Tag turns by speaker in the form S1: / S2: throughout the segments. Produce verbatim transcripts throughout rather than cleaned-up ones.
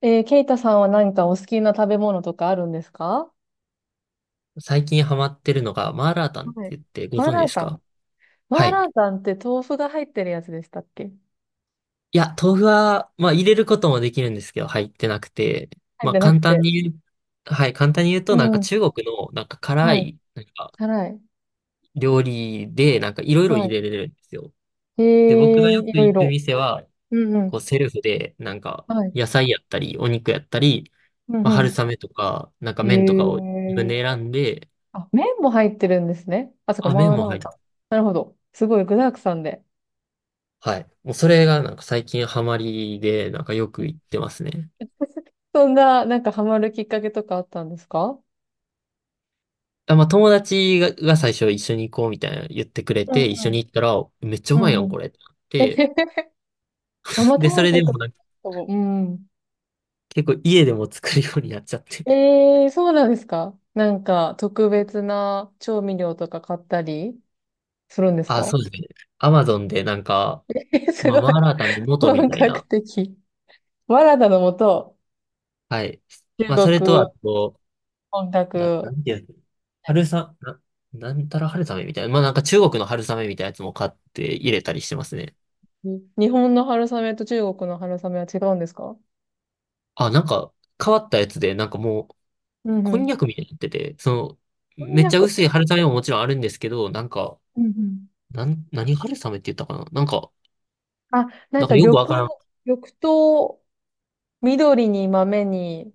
S1: えー、ケイタさんは何かお好きな食べ物とかあるんですか？
S2: 最近ハマってるのが、マーラータンって
S1: はい。
S2: 言ってご
S1: マー
S2: 存知
S1: ラ
S2: で
S1: ー
S2: す
S1: タン。
S2: か？は
S1: マー
S2: い。
S1: ラータンって豆腐が入ってるやつでしたっけ？
S2: いや、豆腐は、まあ入れることもできるんですけど、入ってなくて、
S1: 入っ
S2: まあ
S1: てなく
S2: 簡単
S1: て。
S2: に言う、はい、簡単に言う
S1: う
S2: と、なんか
S1: ん。
S2: 中国の、なんか辛
S1: はい。
S2: い、なんか
S1: 辛い。
S2: 料理で、なんかいろいろ入
S1: は
S2: れれるんですよ。
S1: い。
S2: で、僕が
S1: え
S2: よ
S1: ー、い
S2: く
S1: ろい
S2: 行く
S1: ろ。
S2: 店は、
S1: うんう
S2: こう
S1: ん。
S2: セルフで、なんか
S1: はい。
S2: 野菜やったり、お肉やったり、
S1: うん
S2: まあ
S1: う
S2: 春雨とか、なんか
S1: ん。
S2: 麺とかを自分
S1: えー。
S2: で選んで、
S1: あ、麺も入ってるんですね。あ、そっか、
S2: あ、麺
S1: マー
S2: も
S1: ラー
S2: 入って、
S1: タン。なるほど。すごい具沢山で。
S2: はい。もうそれがなんか最近ハマりで、なんかよ
S1: え
S2: く行ってますね。
S1: そんな、なんかハマるきっかけとかあったんですか？
S2: あ、まあ、友達が、が最初一緒に行こうみたいな言ってくれ
S1: うんう
S2: て、一緒
S1: ん。
S2: に行ったら、めっちゃう
S1: う
S2: まい
S1: ん
S2: や
S1: う
S2: ん、
S1: ん。
S2: これってなって。
S1: あんま
S2: で、
S1: 食
S2: それ
S1: べた
S2: で
S1: こと
S2: も
S1: な
S2: なんか
S1: いかも。うん。
S2: 結構家でも作るようになっちゃって。
S1: ええ、そうなんですか？なんか、特別な調味料とか買ったりするんです
S2: あ、そ
S1: か？
S2: うですね。アマゾンでなんか、
S1: え、す
S2: まあ、
S1: ごい。
S2: マーラータンの元み
S1: 本
S2: たい
S1: 格
S2: な。
S1: 的。マラダのもと、
S2: はい。まあ、
S1: 中
S2: それと
S1: 国、
S2: あと、
S1: 本
S2: な、な
S1: 格。
S2: んていうの？春さ、な、なんたら春雨みたいな。まあ、なんか中国の春雨みたいなやつも買って入れたりしてますね。
S1: 日本の春雨と中国の春雨は違うんですか？
S2: あ、なんか変わったやつで、なんかもう、
S1: うんう
S2: こん
S1: ん。
S2: にゃくみたいになってて、そ
S1: こ
S2: の、
S1: ん
S2: め
S1: に
S2: っ
S1: ゃ
S2: ちゃ
S1: く。
S2: 薄い春雨ももちろんあるんですけど、なんか、
S1: うんうん。
S2: なん、何春雨って言ったかな、なんか、
S1: あ、なん
S2: なんか
S1: か
S2: よく
S1: 緑、
S2: わからん。
S1: 緑と緑に豆に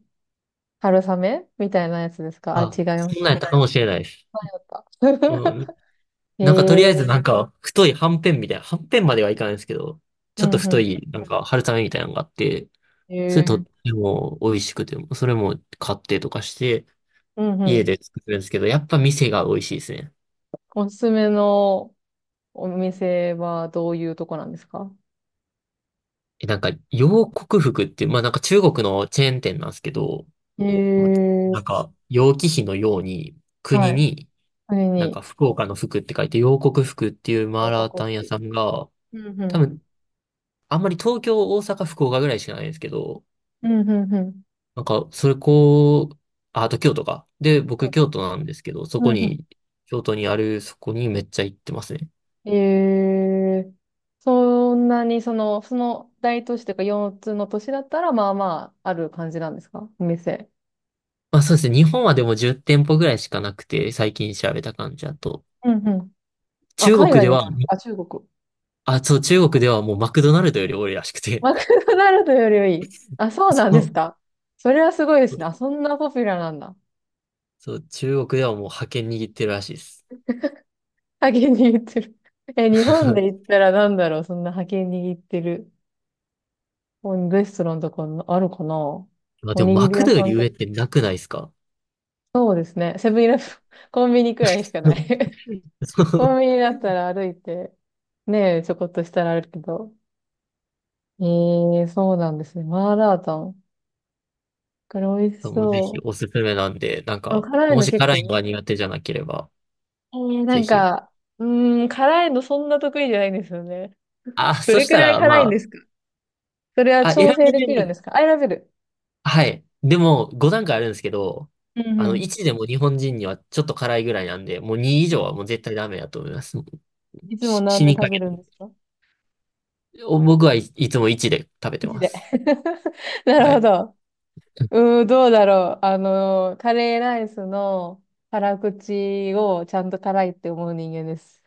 S1: 春雨みたいなやつですか？あ、
S2: あ、
S1: 違いまし
S2: そんなんやったかもしれないです。
S1: た。
S2: うん。
S1: へ
S2: なんかと
S1: え。
S2: りあえずなんか、太いはんぺんみたいな、はんぺんまではいかないですけど、
S1: う
S2: ちょっと
S1: ん
S2: 太
S1: う
S2: い、なんか春雨みたいなのがあって、
S1: ん。へ
S2: それと
S1: え。
S2: っても美味しくて、それも買ってとかして、
S1: うんう
S2: 家
S1: ん。
S2: で作るんですけど、やっぱ店が美味しいですね。
S1: おすすめのお店はどういうとこなんですか？
S2: えなんか、洋国服って、まあなんか中国のチェーン店なんですけど、
S1: へ
S2: ま
S1: え。
S2: なんか、楊貴妃のように、国
S1: はい。
S2: に、
S1: それ
S2: なんか
S1: に。
S2: 福岡の福って書いて、楊国福っていうマー
S1: 報
S2: ラータ
S1: 告。
S2: ン屋さんが、多分、あんまり東京、大阪、福岡ぐらいしかないんですけど、
S1: うんうんうんうんうん。
S2: なんか、それこう、あ、あと京都か。で、
S1: そ
S2: 僕
S1: うだ。
S2: 京都なんですけど、そ
S1: う
S2: こ
S1: んう
S2: に、京都にある、そこにめっちゃ行ってますね。
S1: ん。ええ、そんなに、その、その大都市というかよっつの都市だったら、まあまあ、ある感じなんですか？お店。
S2: まあそうですね。日本はでもじゅってんぽ店舗ぐらいしかなくて、最近調べた感じだと。
S1: うんうん。あ、
S2: 中
S1: 海
S2: 国
S1: 外
S2: で
S1: に
S2: は、
S1: もある。あ、中国。そ
S2: あ、そう、
S1: っ
S2: 中国
S1: か。
S2: ではもうマクドナルドより多いらしくて、
S1: マクドナルドよりはいい。あ、そう
S2: そ
S1: なんで
S2: の、
S1: すか。それはすごいですね。あ、そんなポピュラーなんだ。
S2: そう、中国ではもう覇権握ってるらしいです。
S1: 派遣握ってる。え、日本で言っ たらなんだろう、そんな派遣握ってる。レストランとかあるかな。
S2: まあ
S1: お
S2: でも、
S1: にぎ
S2: マ
S1: り
S2: ク
S1: 屋
S2: ドよ
S1: さ
S2: り
S1: んと
S2: 上
S1: か。
S2: ってなくないですか？
S1: そうですね。セブンイレブン、コンビニくらいしかない。
S2: そ
S1: コンビニだったら歩いて、ねえ、ちょこっとしたらあるけど。ええ、そうなんですね。マーラータン。これ美味し
S2: う。もうぜひ
S1: そう。
S2: おすすめなんで、なん
S1: でも
S2: か、
S1: 辛い
S2: も
S1: の
S2: し
S1: 結
S2: 辛いの
S1: 構、
S2: が苦手じゃなければ、
S1: ええな
S2: ぜ
S1: ん
S2: ひ。
S1: か、うーん、辛いのそんな得意じゃないんですよね。
S2: あ、
S1: ど
S2: そ
S1: れ
S2: し
S1: く
S2: た
S1: らい
S2: ら、
S1: 辛いんで
S2: ま
S1: すか？それは
S2: あ、あ、選
S1: 調整
S2: べ
S1: できるんで
S2: る。
S1: すか？アイラベル。
S2: はい。でも、ごだんかい段階あるんですけど、
S1: うんう
S2: あの、
S1: ん。
S2: いちでも日本人にはちょっと辛いぐらいなんで、もうに以上はもう絶対ダメだと思います。もう
S1: いつも
S2: し
S1: なん
S2: 死
S1: で
S2: に
S1: 食
S2: か
S1: べ
S2: け
S1: る
S2: た。
S1: んですか？
S2: お僕はい、いつもいちで食べ
S1: い
S2: て
S1: 地
S2: ま
S1: で。
S2: す。
S1: なる
S2: は
S1: ほ
S2: い。
S1: ど。うーん、どうだろう。あの、カレーライスの辛口をちゃんと辛いって思う人間です。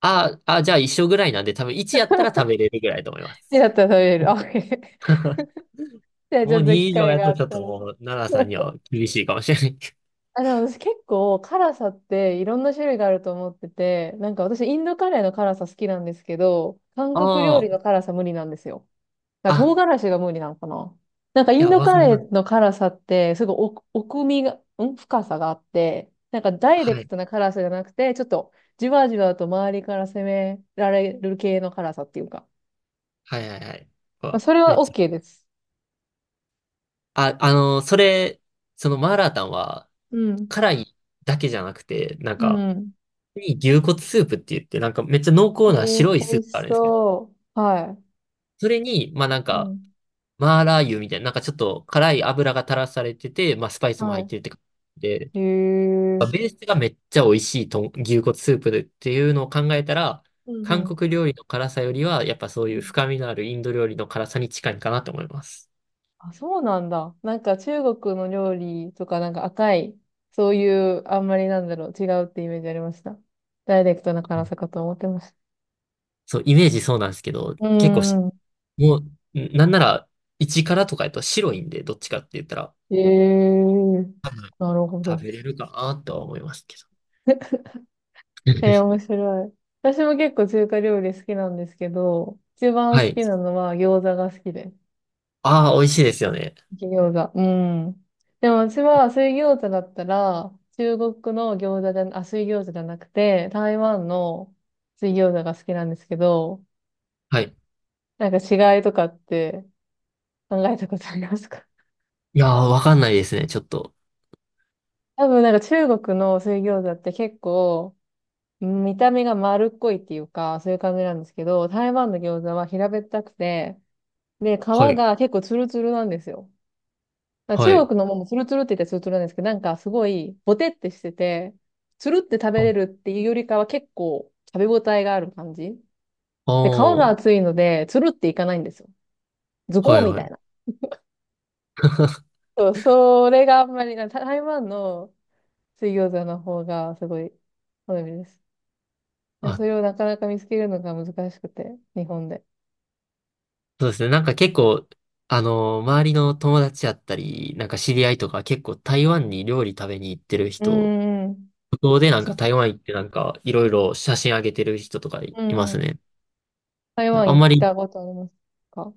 S2: ああ、じゃあ一緒ぐらいなんで、多分いちやったら食べれるぐらいだと思いま
S1: 生
S2: す。
S1: だったら食べれる。OK。 じゃあち
S2: も
S1: ょ
S2: う
S1: っと機
S2: に以上
S1: 会
S2: や
S1: があ
S2: とち
S1: っ
S2: ょっ
S1: た
S2: とも
S1: ら。
S2: う、奈良さんには厳しいかもしれない。
S1: あ、でも私結構辛さっていろんな種類があると思ってて、なんか私インドカレーの辛さ好きなんですけど、韓国料
S2: あ
S1: 理の
S2: あ、
S1: 辛さ無理なんですよ。だから
S2: あ、
S1: 唐辛子が無理なのかな。なんか
S2: い
S1: イン
S2: や、
S1: ド
S2: わ
S1: カ
S2: かり
S1: レ
S2: ま
S1: ーの
S2: す。
S1: 辛さって、すごい奥、奥みが、ん深さがあって、なんかダイレ
S2: は
S1: ク
S2: い。
S1: トな辛さじゃなくて、ちょっとじわじわと周りから攻められる系の辛さっていうか。
S2: はいはいはい。う
S1: まあ、
S2: わ
S1: それ
S2: め
S1: は
S2: っちゃ。
S1: OK です。
S2: あ、あのーそれ、そのマーラータンは、
S1: うん。
S2: 辛いだけじゃなくて、なん
S1: う
S2: か、
S1: ん。
S2: いい牛骨スープって言って、なんかめっちゃ濃
S1: え
S2: 厚な
S1: ー、
S2: 白いス
S1: 美
S2: ープ
S1: 味し
S2: があるんですけど、
S1: そう。はい。
S2: それに、まあなん
S1: う
S2: か、
S1: ん。
S2: マーラー油みたいな、なんかちょっと辛い油が垂らされてて、まあスパイスも入って
S1: は
S2: るって感じで、
S1: い。へえ。
S2: ベースがめっちゃ美味しいと牛骨スープでっていうのを考えたら、
S1: うん
S2: 韓
S1: う
S2: 国料理の辛さよりは、やっぱそういう
S1: ん。
S2: 深みのあるインド料理の辛さに近いかなと思います。
S1: あ、そうなんだ。なんか中国の料理とかなんか赤い、そういう、あんまりなんだろう、違うってイメージありました。ダイレクトな辛さかと思ってました。
S2: そう、イメージそうなんですけど、
S1: うー
S2: 結構し、
S1: ん。
S2: もう、んなんなら、一辛とかやと白いんで、どっちかって言ったら、
S1: ええー、なるほ
S2: 食
S1: ど。
S2: べれるかなとは思いますけど。
S1: えー、面白い。私も結構中華料理好きなんですけど、一番
S2: は
S1: 好
S2: い。
S1: きなのは餃子が好きです。
S2: ああ、美味しいですよね。
S1: 焼き餃子。うん。でも私は水餃子だったら、中国の餃子じゃ、あ、水餃子じゃなくて、台湾の水餃子が好きなんですけど、
S2: はい。
S1: なんか違いとかって考えたことありますか？
S2: いやー、わかんないですね、ちょっと。
S1: 多分なんか中国の水餃子って結構うん見た目が丸っこいっていうか、そういう感じなんですけど、台湾の餃子は平べったくて、で、皮
S2: はい。
S1: が結構ツルツルなんですよ。なんか
S2: は
S1: 中
S2: い。
S1: 国のももツルツルって言ったらツルツルなんですけど、なんかすごいボテってしてて、ツルって食べれ
S2: あ
S1: るっていうよりかは結構食べ応えがある感じ。
S2: あ
S1: で、皮が
S2: ー、
S1: 厚いので、ツルっていかないんですよ。ズ
S2: は
S1: コー
S2: い
S1: み
S2: は
S1: たいな。
S2: い。
S1: そう、それがあんまりな、台湾の水餃子の方がすごい好みです。でもそれ
S2: あ、
S1: をなかなか見つけるのが難しくて、日本で。
S2: そうですね。なんか結構、あの、周りの友達やったり、なんか知り合いとか結構台湾に料理食べに行ってる
S1: う
S2: 人、
S1: んうん。
S2: 向こうでなん
S1: そ
S2: か台湾行ってなんかいろいろ写真上げてる人とかい
S1: う
S2: ま
S1: ん
S2: す
S1: うん。
S2: ね。
S1: 台湾
S2: あ
S1: 行
S2: ん
S1: っ
S2: まり、
S1: たことありますか？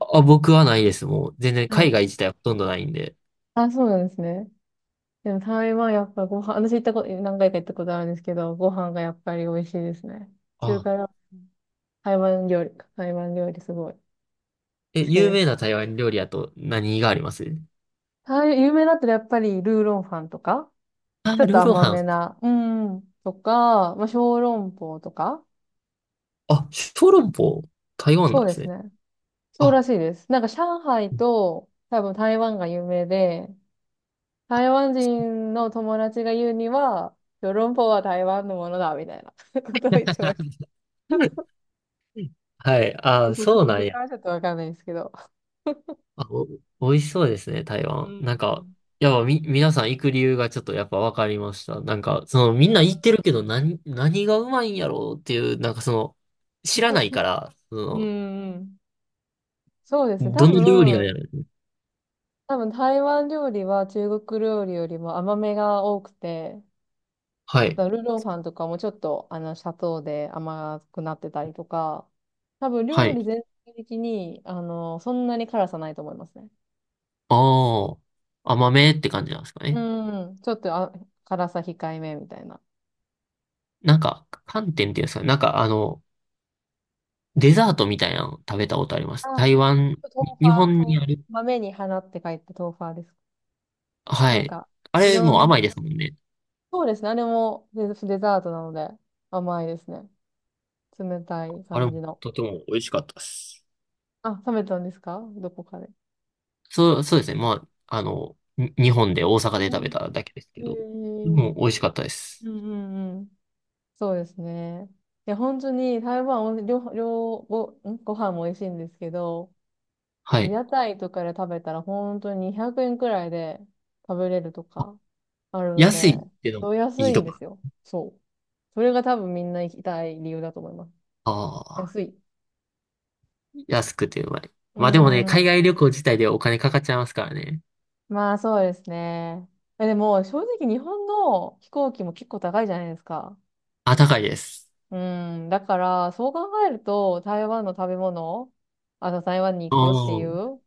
S2: あ、僕はないです。もう全然
S1: は
S2: 海
S1: い。
S2: 外自体はほとんどないんで。
S1: あ、そうなんですね。でも台湾やっぱご飯、私行ったこと、何回か行ったことあるんですけど、ご飯がやっぱり美味しいですね。中華
S2: あ、
S1: 料台湾料理か、台湾料理すごい好
S2: え、
S1: き
S2: 有
S1: で
S2: 名な
S1: す。
S2: 台湾料理やと何があります？
S1: 台有名だったらやっぱりルーロンファンとか、
S2: あ、
S1: ちょっ
S2: ル
S1: と
S2: ーロー
S1: 甘
S2: ハ
S1: め
S2: ン。
S1: な、うんうん、とか、まあ、小籠包とか、
S2: あ、小籠包、台湾
S1: そ
S2: な
S1: う
S2: んで
S1: で
S2: す
S1: す
S2: ね。
S1: ね。そう
S2: あ、
S1: らしいです。なんか上海と多分台湾が有名で、台湾人の友達が言うには、ヨーロンポは台湾のものだ、みたいな ことを言ってまし
S2: はい。
S1: た。
S2: あ、
S1: それで
S2: そう
S1: 本
S2: な
S1: 当
S2: んや。
S1: かちょっとわかんないですけど。
S2: あ、お、美味しそうですね、台
S1: う
S2: 湾。
S1: ん。
S2: なん
S1: う
S2: か、
S1: ん。
S2: やっぱみ、皆さん行く理由がちょっとやっぱ分かりました。なんか、そのみん
S1: う
S2: な行ってるけど何、何がうまいんやろうっていう、なんかその、知らないから、
S1: んう
S2: そ
S1: ん。そうですね。
S2: の、
S1: 多
S2: どの料理な
S1: 分、
S2: んやろう。
S1: 多分台湾料理は中国料理よりも甘めが多くて、
S2: はい。
S1: だからルーローさんとかもちょっとあの砂糖で甘くなってたりとか、多分
S2: は
S1: 料
S2: い。
S1: 理全体的にあのそんなに辛さないと思いますね。
S2: ああ、甘めって感じなんですか
S1: う
S2: ね。
S1: ん、ちょっとあ辛さ控えめみたいな。
S2: なんか、寒天っていうんですかね。なんかあの、デザートみたいなの食べたことありま
S1: あ、
S2: す。
S1: 豆
S2: 台湾、日
S1: 花、
S2: 本
S1: 豆
S2: に
S1: 花。
S2: ある。
S1: 豆に花って書いて豆花です。
S2: は
S1: なん
S2: い。
S1: か、
S2: あ
S1: い
S2: れ
S1: ろ
S2: もう
S1: ん、
S2: 甘いですもんね。
S1: そうですね。あれもデ、デザートなので甘いですね。冷たい
S2: あれ
S1: 感
S2: も
S1: じの。
S2: とても美味しかったです。
S1: あ、食べたんですか？どこかで？
S2: そう、そうですね。まあ、あの、に日本で大阪で
S1: う
S2: 食べ
S1: ん。
S2: ただけです
S1: え
S2: けど、で
S1: ー、
S2: も美味しかったです。
S1: うんうんうん。そうですね。いや、本当に台湾は、両、両、ご、んご飯も美味しいんですけど、
S2: はい。
S1: 屋台とかで食べたら本当ににひゃくえんくえんくらいで食べれるとかあるの
S2: 安い
S1: で、
S2: っていうのも
S1: そう
S2: い
S1: 安
S2: い
S1: い
S2: と
S1: んで
S2: こ。
S1: すよ。そう。それが多分みんな行きたい理由だと思います。
S2: ああ、
S1: 安い。
S2: 安くてうまい。
S1: うー
S2: まあでもね、海
S1: ん。
S2: 外旅行自体でお金かかっちゃいますからね。
S1: まあそうですね。え、でも正直日本の飛行機も結構高いじゃないですか。
S2: あ、高いです。
S1: うーん。だからそう考えると台湾の食べ物、あと台湾に
S2: う
S1: 行くってい
S2: ん。
S1: う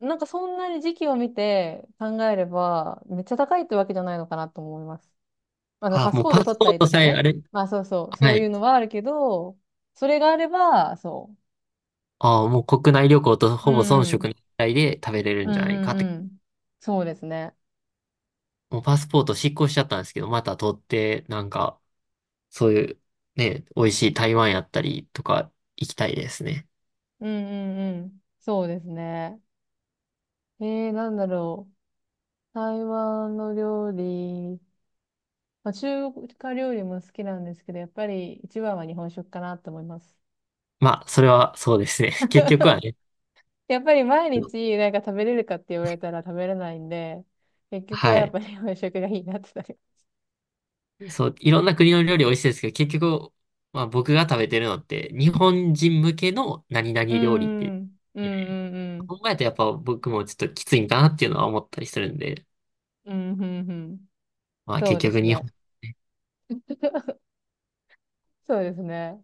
S1: なんかそんなに時期を見て考えれば、めっちゃ高いってわけじゃないのかなと思います。まあ、の
S2: あ、
S1: パス
S2: もう
S1: ポート
S2: パス
S1: 取っ
S2: ポ
S1: た
S2: ー
S1: り
S2: ト
S1: とか
S2: さえあ
S1: ね。
S2: れ、
S1: まあそうそう、
S2: は
S1: そうい
S2: い。
S1: うのはあるけど、それがあれば、そ
S2: ああ、もう国内旅行と
S1: う。う
S2: ほぼ遜色な
S1: ん。
S2: いぐらいで食べれる
S1: う
S2: んじゃ
S1: ん
S2: ない
S1: う
S2: か
S1: ん
S2: って。
S1: うん。そうですね。
S2: もうパスポート失効しちゃったんですけど、また取って、なんか、そういう、ね、美味しい台湾やったりとか行きたいですね。
S1: うんうんうん。そうですね。えー、なんだろう。台湾の料理、まあ、中華料理も好きなんですけど、やっぱり一番は日本食かなと思います。
S2: まあ、それはそうですね。結局はね、
S1: やっぱり毎日なんか食べれるかって言われたら食べれないんで、結局
S2: は
S1: はやっ
S2: い。
S1: ぱり 洋食がいいなってなる。
S2: そう、いろんな国の料理美味しいですけど、結局、まあ僕が食べてるのって、日本人向けの何々
S1: うー
S2: 料理って、
S1: ん、うん、うん、
S2: 考えるとやっぱ僕もちょっときついんかなっていうのは思ったりするんで、
S1: うん、うん、うん、うん。
S2: まあ
S1: そ
S2: 結
S1: うで
S2: 局
S1: す
S2: 日
S1: ね。
S2: 本。
S1: そうですね。